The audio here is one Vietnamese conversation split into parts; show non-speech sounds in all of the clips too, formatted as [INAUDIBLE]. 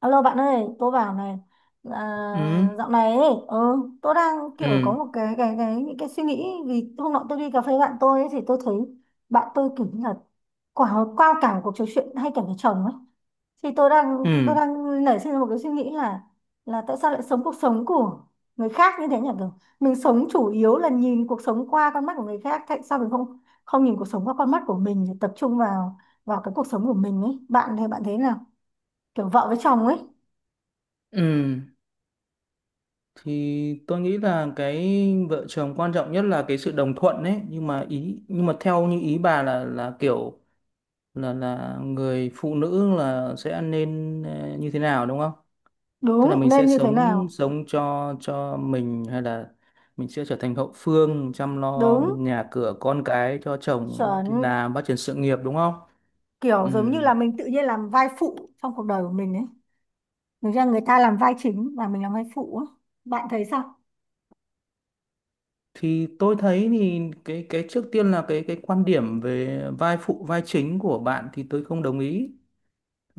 Alo bạn ơi, tôi bảo này, Ừ, à, dạo này ấy, ừ, tôi đang kiểu có ừ, một cái những cái suy nghĩ vì hôm nọ tôi đi cà phê bạn tôi ấy, thì tôi thấy bạn tôi kiểu như là qua cả một cuộc trò chuyện hay cả với chồng ấy thì tôi đang tôi ừ, đang nảy sinh ra một cái suy nghĩ là tại sao lại sống cuộc sống của người khác như thế nhỉ, kiểu mình sống chủ yếu là nhìn cuộc sống qua con mắt của người khác. Tại sao mình không không nhìn cuộc sống qua con mắt của mình, tập trung vào vào cái cuộc sống của mình ấy? Bạn thì bạn thấy nào? Kiểu vợ với chồng ấy. ừ. Thì tôi nghĩ là cái vợ chồng quan trọng nhất là cái sự đồng thuận đấy. Nhưng mà theo như ý bà là kiểu là người phụ nữ là sẽ nên như thế nào, đúng không? Tức là Đúng, mình sẽ nên như thế sống nào? sống cho mình, hay là mình sẽ trở thành hậu phương chăm lo Đúng, nhà cửa con cái cho chồng đi chuẩn. làm phát triển sự nghiệp, đúng không? Kiểu Ừ, giống như là mình tự nhiên làm vai phụ trong cuộc đời của mình ấy. Thực ra người ta làm vai chính và mình làm vai phụ ấy. Bạn thấy sao? thì tôi thấy, thì cái trước tiên là cái quan điểm về vai phụ vai chính của bạn thì tôi không đồng ý.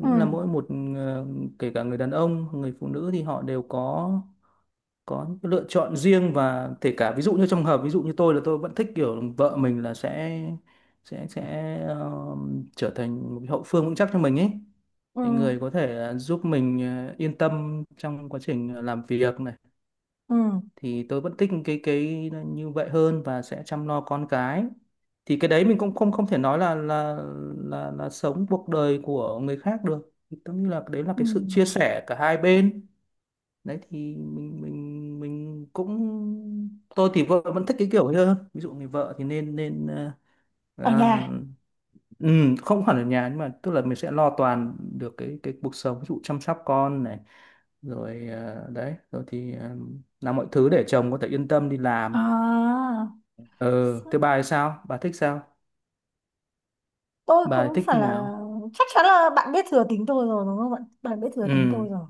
Ừ, là mỗi một ờ, kể cả người đàn ông người phụ nữ thì họ đều có những cái lựa chọn riêng, và kể cả ví dụ như trong hợp, ví dụ như tôi là tôi vẫn thích kiểu vợ mình là sẽ trở thành một cái hậu phương vững chắc cho mình ấy. ừ, Thì người có thể giúp mình yên tâm trong quá trình làm việc này, ừ, thì tôi vẫn thích cái như vậy hơn, và sẽ chăm lo con cái. Thì cái đấy mình cũng không không thể nói là sống cuộc đời của người khác được. Thì tôi nghĩ là đấy là ừ, cái sự chia sẻ cả hai bên đấy. Thì mình cũng tôi thì vợ vẫn thích cái kiểu ấy hơn, ví dụ người vợ thì nên nên ờ, ở à, nhà. ừ, không hẳn ở nhà, nhưng mà tức là mình sẽ lo toàn được cái cuộc sống, ví dụ chăm sóc con này, rồi đấy, rồi thì làm mọi thứ để chồng có thể yên tâm đi làm. À, Ừ, thế sao- bà thì sao, bà thích sao? tôi Bà thì không thích phải như là, nào? chắc chắn là bạn biết thừa tính tôi rồi đúng không? Bạn bạn biết thừa tính Ừ, tôi rồi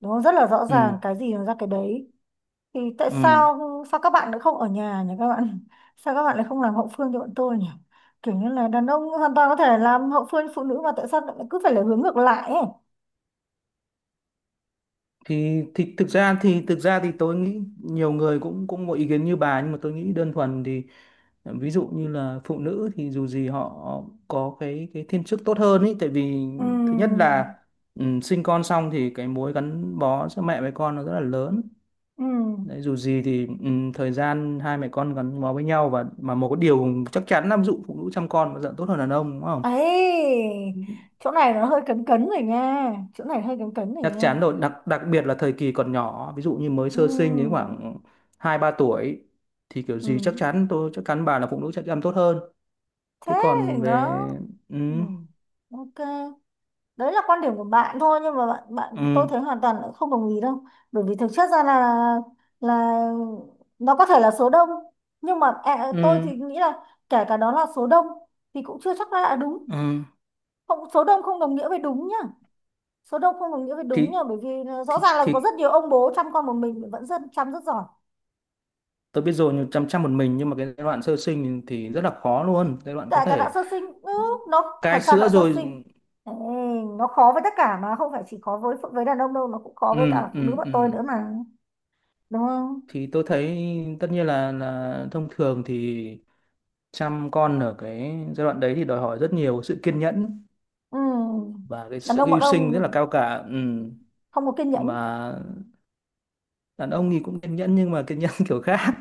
đúng không? Rất là rõ ừ, ràng, cái gì nó ra cái đấy. Thì tại ừ. sao sao các bạn lại không ở nhà nhỉ? Các bạn, sao các bạn lại không làm hậu phương cho bọn tôi nhỉ? Kiểu như là đàn ông hoàn toàn có thể làm hậu phương cho phụ nữ, mà tại sao lại cứ phải là hướng ngược lại ấy? Thì thực ra thì tôi nghĩ nhiều người cũng cũng có ý kiến như bà, nhưng mà tôi nghĩ đơn thuần thì ví dụ như là phụ nữ thì dù gì họ có cái thiên chức tốt hơn ấy. Tại vì thứ nhất Ừm, là sinh con xong thì cái mối gắn bó giữa mẹ với con nó rất là lớn. ừm. Đấy, dù gì thì thời gian hai mẹ con gắn bó với nhau, và mà một cái điều chắc chắn là ví dụ phụ nữ chăm con mà dạy tốt hơn đàn ông, đúng không? Ấy, chỗ này nó hơi cấn cấn rồi nha. Chỗ này hơi cấn cấn rồi Chắc nha. chắn rồi, đặc đặc biệt là thời kỳ còn nhỏ, ví dụ như mới sơ sinh đến Ừm, khoảng hai ba tuổi, thì kiểu gì chắc ừm. chắn, tôi chắc chắn bà là phụ nữ chắc chắn tốt hơn. Thế Thế thì còn về, nó ừ, ừm, ok, đấy là quan điểm của bạn thôi, nhưng mà bạn bạn tôi ừ, thấy hoàn toàn là không đồng ý đâu. Bởi vì thực chất ra là nó có thể là số đông, nhưng mà tôi ừ, thì nghĩ là kể cả đó là số đông thì cũng chưa chắc đã là đúng. ừ. Không, số đông không đồng nghĩa với đúng nhá. Số đông không đồng nghĩa với đúng nhá, thì bởi vì là rõ thì ràng là có thì rất nhiều ông bố chăm con một mình mà vẫn rất chăm, rất giỏi. tôi biết rồi, nhưng chăm chăm một mình, nhưng mà cái giai đoạn sơ sinh thì rất là khó luôn, giai đoạn Kể có cả đoạn thể sơ sinh, nó cai thật sao sữa đoạn sơ rồi. sinh. Ê, nó khó với tất cả mà, không phải chỉ khó với đàn ông đâu, nó cũng khó với Ừ, cả phụ nữ ừ, bọn ừ. tôi nữa mà, đúng không? Thì tôi thấy, tất nhiên là thông thường thì chăm con ở cái giai đoạn đấy thì đòi hỏi rất nhiều sự kiên nhẫn, Ừ. và cái Đàn sự ông bọn hy sinh rất ông là cao cả. Ừ. không có kiên nhẫn. Mà đàn ông thì cũng kiên nhẫn, nhưng mà kiên nhẫn [LAUGHS] kiểu khác.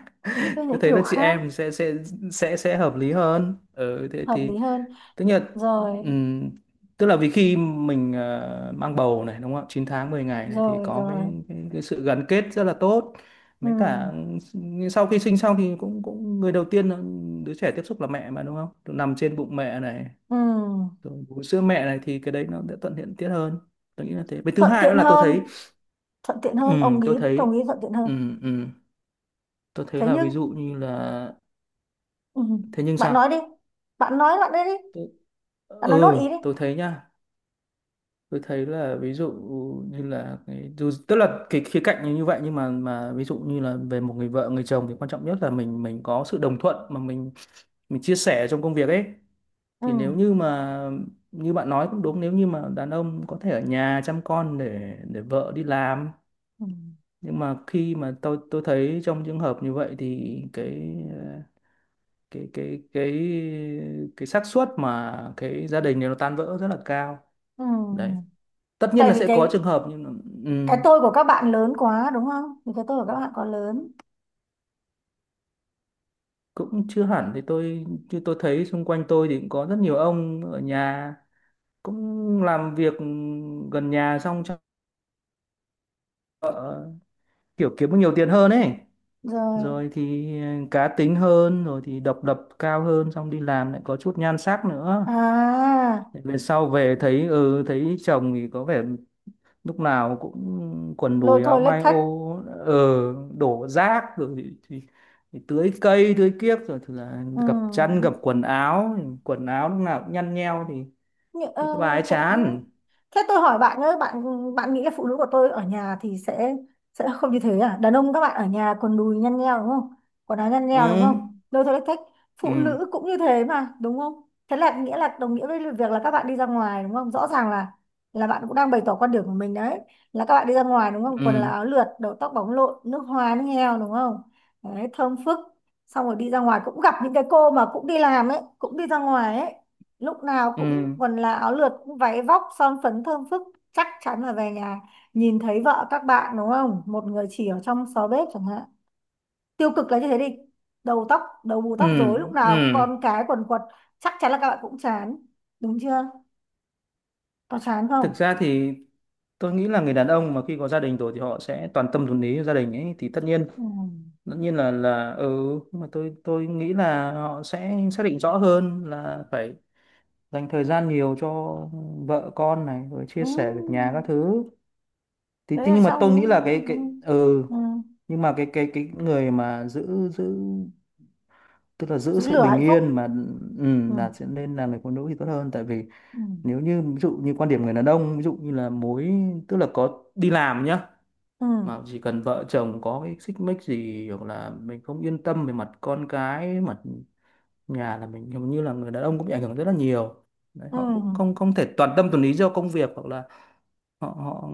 Kiên Tôi nhẫn thấy kiểu là chị khác. em sẽ hợp lý hơn. Ừ, Thế Hợp thì, lý hơn. tức là Rồi, ừm, tức là vì khi mình mang bầu này, đúng không? 9 tháng 10 ngày này thì rồi, có cái, rồi. cái, cái sự gắn kết rất là tốt, Ừ. mấy cả sau khi sinh xong, thì cũng cũng người đầu tiên đứa trẻ tiếp xúc là mẹ mà, đúng không? Nằm trên bụng mẹ này, Ừ. rồi bú sữa mẹ này, thì cái đấy nó sẽ thuận tiện tiết hơn. Tôi nghĩ là thế. Với thứ Thuận hai nữa tiện là hơn. Thuận tiện ừ, hơn tôi ông thấy ý thuận tiện hơn. ừ, ừ, tôi thấy Thế là, ví nhưng. dụ như là, Ừ. thế nhưng Bạn sao? nói đi. Bạn nói lại đây đi. Tôi- Bạn nói nốt ý đi. tôi thấy nhá, tôi thấy là ví dụ như là cái, dù tức là cái khía cạnh như vậy, nhưng mà ví dụ như là về một người vợ người chồng thì quan trọng nhất là mình có sự đồng thuận, mà mình chia sẻ trong công việc ấy. Ừ. Thì nếu như mà, như bạn nói cũng đúng, nếu như mà đàn ông có thể ở nhà chăm con để vợ đi làm, Ừ. nhưng mà khi mà tôi thấy trong trường hợp như vậy thì cái ờ, cái cái cái cái xác suất mà cái gia đình này nó tan vỡ rất là cao Ừ. đấy. Tất nhiên Tại là vì sẽ có cái trường hợp, nhưng mà cái ừm, tôi của các bạn lớn quá đúng không? Vì cái tôi của các bạn quá lớn. cũng chưa hẳn. Thì tôi Chứ tôi thấy xung quanh tôi thì cũng có rất nhiều ông ở nhà, cũng làm việc gần nhà, xong chắc kiểu kiếm được nhiều tiền hơn ấy, Rồi. rồi thì cá tính hơn, rồi thì độc lập cao hơn, xong đi làm lại có chút nhan sắc nữa. À, Về sau về thấy chồng thì có vẻ lúc nào cũng quần lôi đùi áo thôi lếch may thếch. ô, ờ, đổ rác, rồi thì tưới cây tưới kiếp, rồi thì là Ừ. gập chăn gập quần áo, quần áo lúc nào cũng nhăn nheo, thì Nhự- ờ, thì các bà ấy thật, ừ. chán. Thế tôi hỏi bạn nhé, bạn, bạn nghĩ là phụ nữ của tôi ở nhà thì sẽ không như thế à? Đàn ông các bạn ở nhà quần đùi nhăn nheo đúng không? Quần áo nhăn Ừ, nheo đúng không? Lôi thôi thách, ừ, phụ nữ cũng như thế mà, đúng không? Thế là nghĩa là đồng nghĩa với việc là các bạn đi ra ngoài đúng không? Rõ ràng là bạn cũng đang bày tỏ quan điểm của mình đấy, là các bạn đi ra ngoài đúng không? Quần là ừ, áo lượt, đầu tóc bóng lộn, nước hoa nước heo đúng không? Đấy, thơm phức, xong rồi đi ra ngoài cũng gặp những cái cô mà cũng đi làm ấy, cũng đi ra ngoài ấy, lúc nào cũng ừ, quần là áo lượt, cũng váy vóc son phấn thơm phức. Chắc chắn là về nhà nhìn thấy vợ các bạn đúng không, một người chỉ ở trong xó bếp chẳng hạn, tiêu cực là như thế đi, đầu tóc đầu bù tóc ừ, rối, lúc ừ. nào con cái quần quật. Chắc chắn là các bạn cũng chán. Đúng chưa? Có chán không? Thực ra thì tôi nghĩ là người đàn ông mà khi có gia đình rồi thì họ sẽ toàn tâm toàn ý cho gia đình ấy, thì tất nhiên Ừ. là nhưng mà tôi nghĩ là họ sẽ xác định rõ hơn là phải dành thời gian nhiều cho vợ con này, rồi chia Ừ. sẻ việc nhà các thứ. Thì Đấy thế, là nhưng mà trong. tôi nghĩ là cái ừ Ừ. Ừ. nhưng mà cái người mà giữ giữ tức là giữ Giữ sự lửa bình hạnh phúc. yên, mà ừ, Ừ. là sẽ nên là người phụ nữ thì tốt hơn. Tại vì Ừ. nếu như ví dụ như quan điểm người đàn ông, ví dụ như là mối, tức là có đi làm nhá, Ừ. mà chỉ cần vợ chồng có cái xích mích gì, hoặc là mình không yên tâm về mặt con cái, mặt nhà, là mình hầu như là người đàn ông cũng bị ảnh hưởng rất là nhiều đấy. Ừ. Họ cũng không không thể toàn tâm toàn ý do công việc, hoặc là họ họ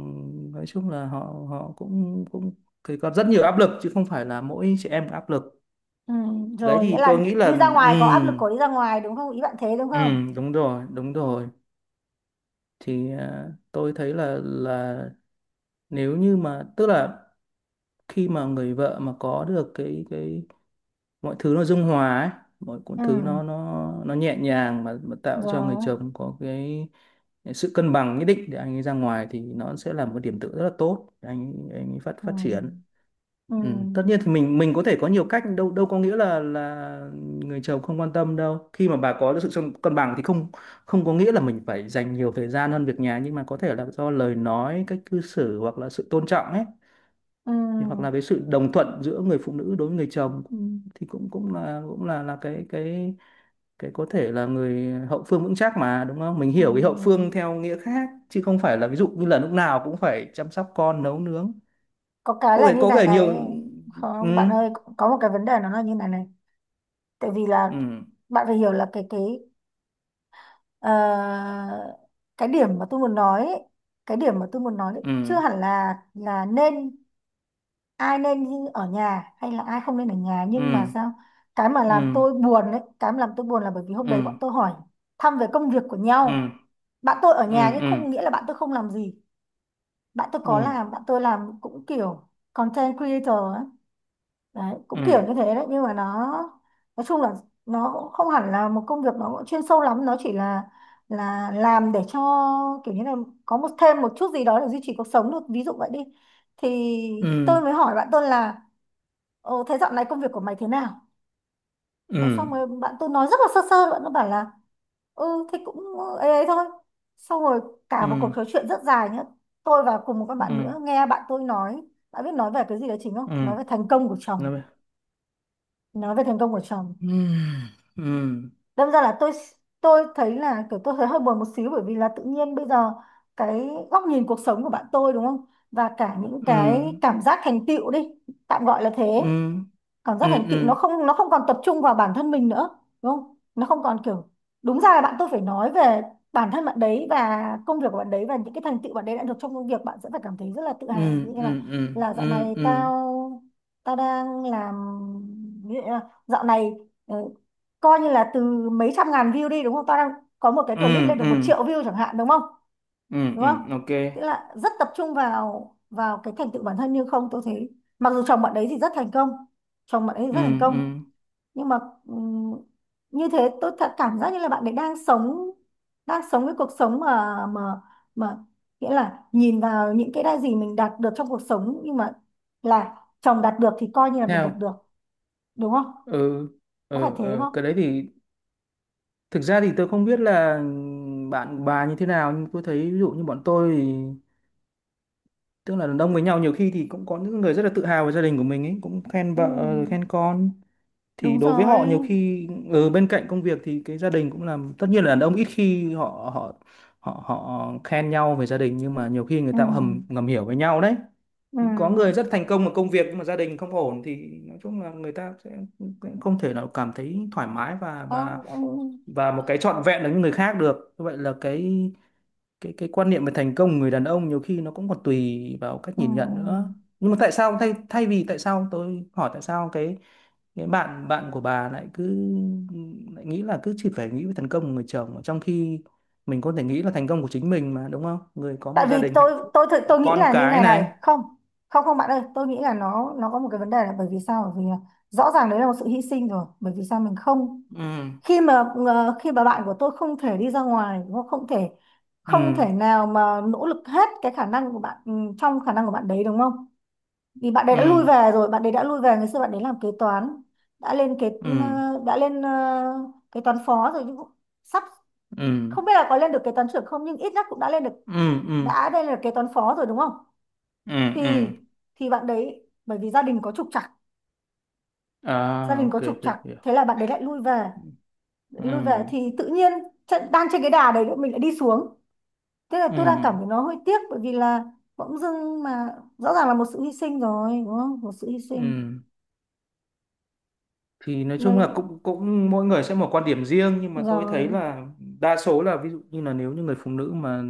nói chung là họ họ cũng cũng thì có rất nhiều áp lực, chứ không phải là mỗi chị em có áp lực Ừ. đấy. Rồi, nghĩa Thì tôi là nghĩ là, đi ra ngoài ừ, có áp lực của đi ra ngoài, đúng không, ý bạn thế đúng ừ, không? đúng rồi, đúng rồi. Thì à, tôi thấy là, nếu như mà tức là khi mà người vợ mà có được cái mọi thứ nó dung hòa ấy, mọi cuốn thứ nó Ừ. nó nó nhẹ nhàng, mà tạo cho người Rồi. chồng có cái sự cân bằng nhất định để anh ấy ra ngoài, thì nó sẽ là một điểm tựa rất là tốt để anh ấy phát Ừ. phát triển. Ừ. Ừ. Tất nhiên thì mình có thể có nhiều cách, đâu đâu có nghĩa là người chồng không quan tâm đâu. Khi mà bà có được sự cân cân bằng thì không không có nghĩa là mình phải dành nhiều thời gian hơn việc nhà, nhưng mà có thể là do lời nói, cách cư xử hoặc là sự tôn trọng ấy. Ừ. Thì hoặc là cái sự đồng thuận giữa người phụ nữ đối với người chồng cũng, thì cũng cũng là cái có thể là người hậu phương vững chắc mà, đúng không? Mình Ừ. hiểu cái hậu Ừ. phương theo nghĩa khác, chứ không phải là ví dụ như là lúc nào cũng phải chăm sóc con nấu nướng. Có cái có là thể như có này thể này. nhiều. Ừ, Không bạn ơi, có một cái vấn đề nó là như này này. Tại vì là ừ, bạn phải hiểu là cái ờ, cái điểm mà tôi muốn nói ấy, cái điểm mà tôi muốn nói ấy, ừ, chưa hẳn là nên ai nên như ở nhà hay là ai không nên ở nhà, ừ, nhưng mà sao cái mà ừ, làm tôi buồn ấy, cái mà làm tôi buồn là bởi vì hôm đấy ừ, bọn tôi hỏi thăm về công việc của ừ, nhau. Bạn tôi ở ừ, nhà nhưng không nghĩa là bạn tôi không làm gì. Bạn tôi có làm, bạn tôi làm cũng kiểu content creator ấy. Đấy, cũng ừ, kiểu như thế đấy, nhưng mà nó, nói chung là nó cũng không hẳn là một công việc, nó cũng chuyên sâu lắm, nó chỉ là làm để cho kiểu như là có một thêm một chút gì đó để duy trì cuộc sống được, ví dụ vậy đi. ừ, Thì ừ, tôi mới hỏi bạn tôi là: Ồ, thế dạo này công việc của mày thế nào? ừ, Thế xong rồi bạn tôi nói rất là sơ sơ, bạn nó bảo là ừ thì cũng ấy ấy thôi. Xong rồi ừ, cả một cuộc ừ, trò chuyện rất dài nhá, tôi và cùng một các bạn ừ, nữa nghe bạn tôi nói, bạn biết nói về cái gì đó chính không, ừ, nói về thành công của chồng. Nói về thành công của chồng. ừ, ừ, ừ, Đâm ra là tôi thấy là kiểu tôi thấy hơi buồn một xíu, bởi vì là tự nhiên bây giờ cái góc nhìn cuộc sống của bạn tôi đúng không, và cả những ừ, cái cảm giác thành tựu đi, tạm gọi là thế, ừ, cảm giác ừ, thành tựu nó ừ, không, nó không còn tập trung vào bản thân mình nữa đúng không? Nó không còn kiểu, đúng ra là bạn tôi phải nói về bản thân bạn đấy và công việc của bạn đấy và những cái thành tựu bạn đấy đã được trong công việc, bạn sẽ phải cảm thấy rất là tự ừ, hào, ví dụ như là ừ, ừ, là dạo ừ, này ừ, tao, tao đang làm, ví dụ như là dạo này ờ, coi như là từ mấy trăm ngàn view đi đúng không, tao đang có một cái ừ, clip lên được ừ, 1 triệu view chẳng hạn, đúng không? ừ, Đúng ừ, không? ok, Tức là rất tập trung vào vào cái thành tựu bản thân, nhưng không, tôi thấy mặc dù chồng bạn đấy thì rất thành công, chồng bạn ấy thì ừ, rất thành ừ, công, nhưng mà ừm, như thế tôi thật cảm giác như là bạn ấy đang sống, đang sống cái cuộc sống mà nghĩa là nhìn vào những cái đã gì mình đạt được trong cuộc sống, nhưng mà là chồng đạt được thì coi như là mình đạt theo được, đúng không? ừ, Có phải ừ, thế ừ. không? Cái đấy thì thực ra thì tôi không biết là bạn bà như thế nào, nhưng tôi thấy ví dụ như bọn tôi thì, tức là đàn ông với nhau nhiều khi thì cũng có những người rất là tự hào về gia đình của mình ấy, cũng khen Ừ, vợ, khen con. Thì đúng đối với họ rồi. nhiều khi ở bên cạnh công việc thì cái gia đình cũng làm, tất nhiên là đàn ông ít khi họ họ họ họ khen nhau về gia đình, nhưng mà nhiều khi người Ừ, ta cũng hầm ngầm hiểu với nhau đấy. ừ. Có người rất thành công ở công việc nhưng mà gia đình không ổn, thì nói chung là người ta sẽ không thể nào cảm thấy thoải mái, và Không, ừ. Một cái trọn vẹn được như người khác. Được như vậy là cái quan niệm về thành công của người đàn ông, nhiều khi nó cũng còn tùy vào cách Ừ. nhìn nhận nữa. Nhưng mà tại sao, thay thay vì tại sao, tôi hỏi tại sao cái bạn bạn của bà lại cứ lại nghĩ là cứ chỉ phải nghĩ về thành công của người chồng, trong khi mình có thể nghĩ là thành công của chính mình mà, đúng không? Người có Tại một vì gia đình tôi hạnh phúc, tôi tôi, có tôi nghĩ con là như cái này này. này. Không, không không bạn ơi, tôi nghĩ là nó có một cái vấn đề là bởi vì sao, bởi vì là rõ ràng đấy là một sự hy sinh rồi, bởi vì sao mình không, Ừ, khi mà khi mà bạn của tôi không thể đi ra ngoài, nó không, không thể, ừ, không thể nào mà nỗ lực hết cái khả năng của bạn, trong khả năng của bạn đấy đúng không? Vì bạn đấy đã lui ừ, về rồi, bạn đấy đã lui về, ngày xưa bạn đấy làm kế toán, đã lên kế, ừ, ờ, đã lên ờ, kế toán phó rồi, nhưng cũng sắp ừ, không biết là có lên được kế toán trưởng không, nhưng ít nhất cũng đã lên được, ừ, ừ, đã lên được kế toán phó rồi đúng không? ừ, Thì, ừ, thì bạn đấy bởi vì gia đình có trục trặc, gia à, đình có ok, trục hiểu trặc, hiểu. thế là bạn đấy lại lui về, lại Ừ, lui về, thì tự nhiên trận đang trên cái đà đấy mình lại đi xuống. Thế là ừ, tôi đang ừ, cảm thấy nó hơi tiếc, bởi vì là bỗng dưng mà rõ ràng là một sự hy sinh rồi đúng không, một sự hy sinh. ừ. Thì nói chung là Nên- cũng cũng mỗi người sẽ một quan điểm riêng, nhưng mà tôi thấy rồi. là đa số là, ví dụ như là nếu như người phụ nữ mà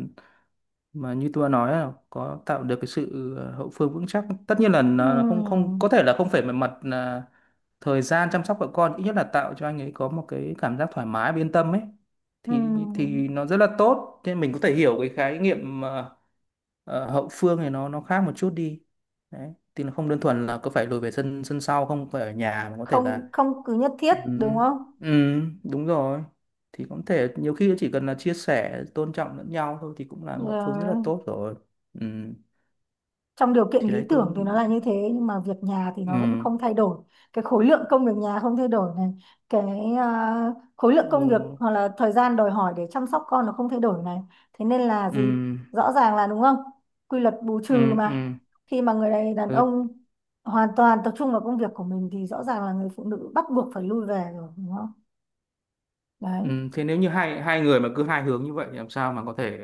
như tôi đã nói là có tạo được cái sự hậu phương vững chắc, tất nhiên là nó không không Ừm, có thể là không phải về mặt là thời gian chăm sóc vợ con, ít nhất là tạo cho anh ấy có một cái cảm giác thoải mái và yên tâm ấy, ừm. thì nó rất là tốt, nên mình có thể hiểu cái khái niệm hậu phương này nó khác một chút đi. Đấy thì nó không đơn thuần là cứ phải lùi về sân sân sau, không phải ở nhà mà có thể Không, là, không cứ nhất thiết ừ, đúng không. ừ, đúng rồi. Thì cũng thể nhiều khi chỉ cần là chia sẻ tôn trọng lẫn nhau thôi thì cũng là một phương rất là Rồi, tốt rồi. Ừ, trong điều kiện thì lý đấy tôi, tưởng thì nó là như thế, nhưng mà việc nhà thì nó vẫn ừ, không thay đổi, cái khối lượng công việc nhà không thay đổi này, cái khối lượng công việc ừ, hoặc là thời gian đòi hỏi để chăm sóc con nó không thay đổi này. Thế nên là gì, ừ, rõ ràng là đúng không, quy luật bù trừ ừ, mà. ừ, Khi mà người đàn đàn ừ, ông hoàn toàn tập trung vào công việc của mình thì rõ ràng là người phụ nữ bắt buộc phải lui về rồi đúng không? Đấy, ừ. Thế nếu như hai hai người mà cứ hai hướng như vậy thì làm sao mà có thể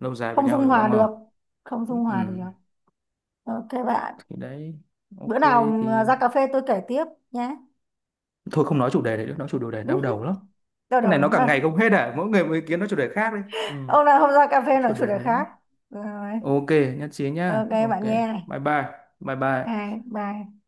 lâu dài với không nhau dung được, hòa đúng không? được. Không dung hòa được. Ừ, Ok bạn, thì đấy, bữa ok. nào Thì ra cà phê tôi kể tiếp nhé. thôi không nói chủ đề này nữa, nói chủ đề này đau đầu lắm. [LAUGHS] Đau Cái đầu này nó lắm càng à? ngày không hết à, mỗi người một ý kiến, nói chủ đề khác đi. Ừ. Ông nào không ra cà phê nói Chủ chủ đề đề đấy. khác. Rồi. Ok, nhất trí Ok nhá. Ok, bạn nghe này. bye bye, bye bye. Hai, ba.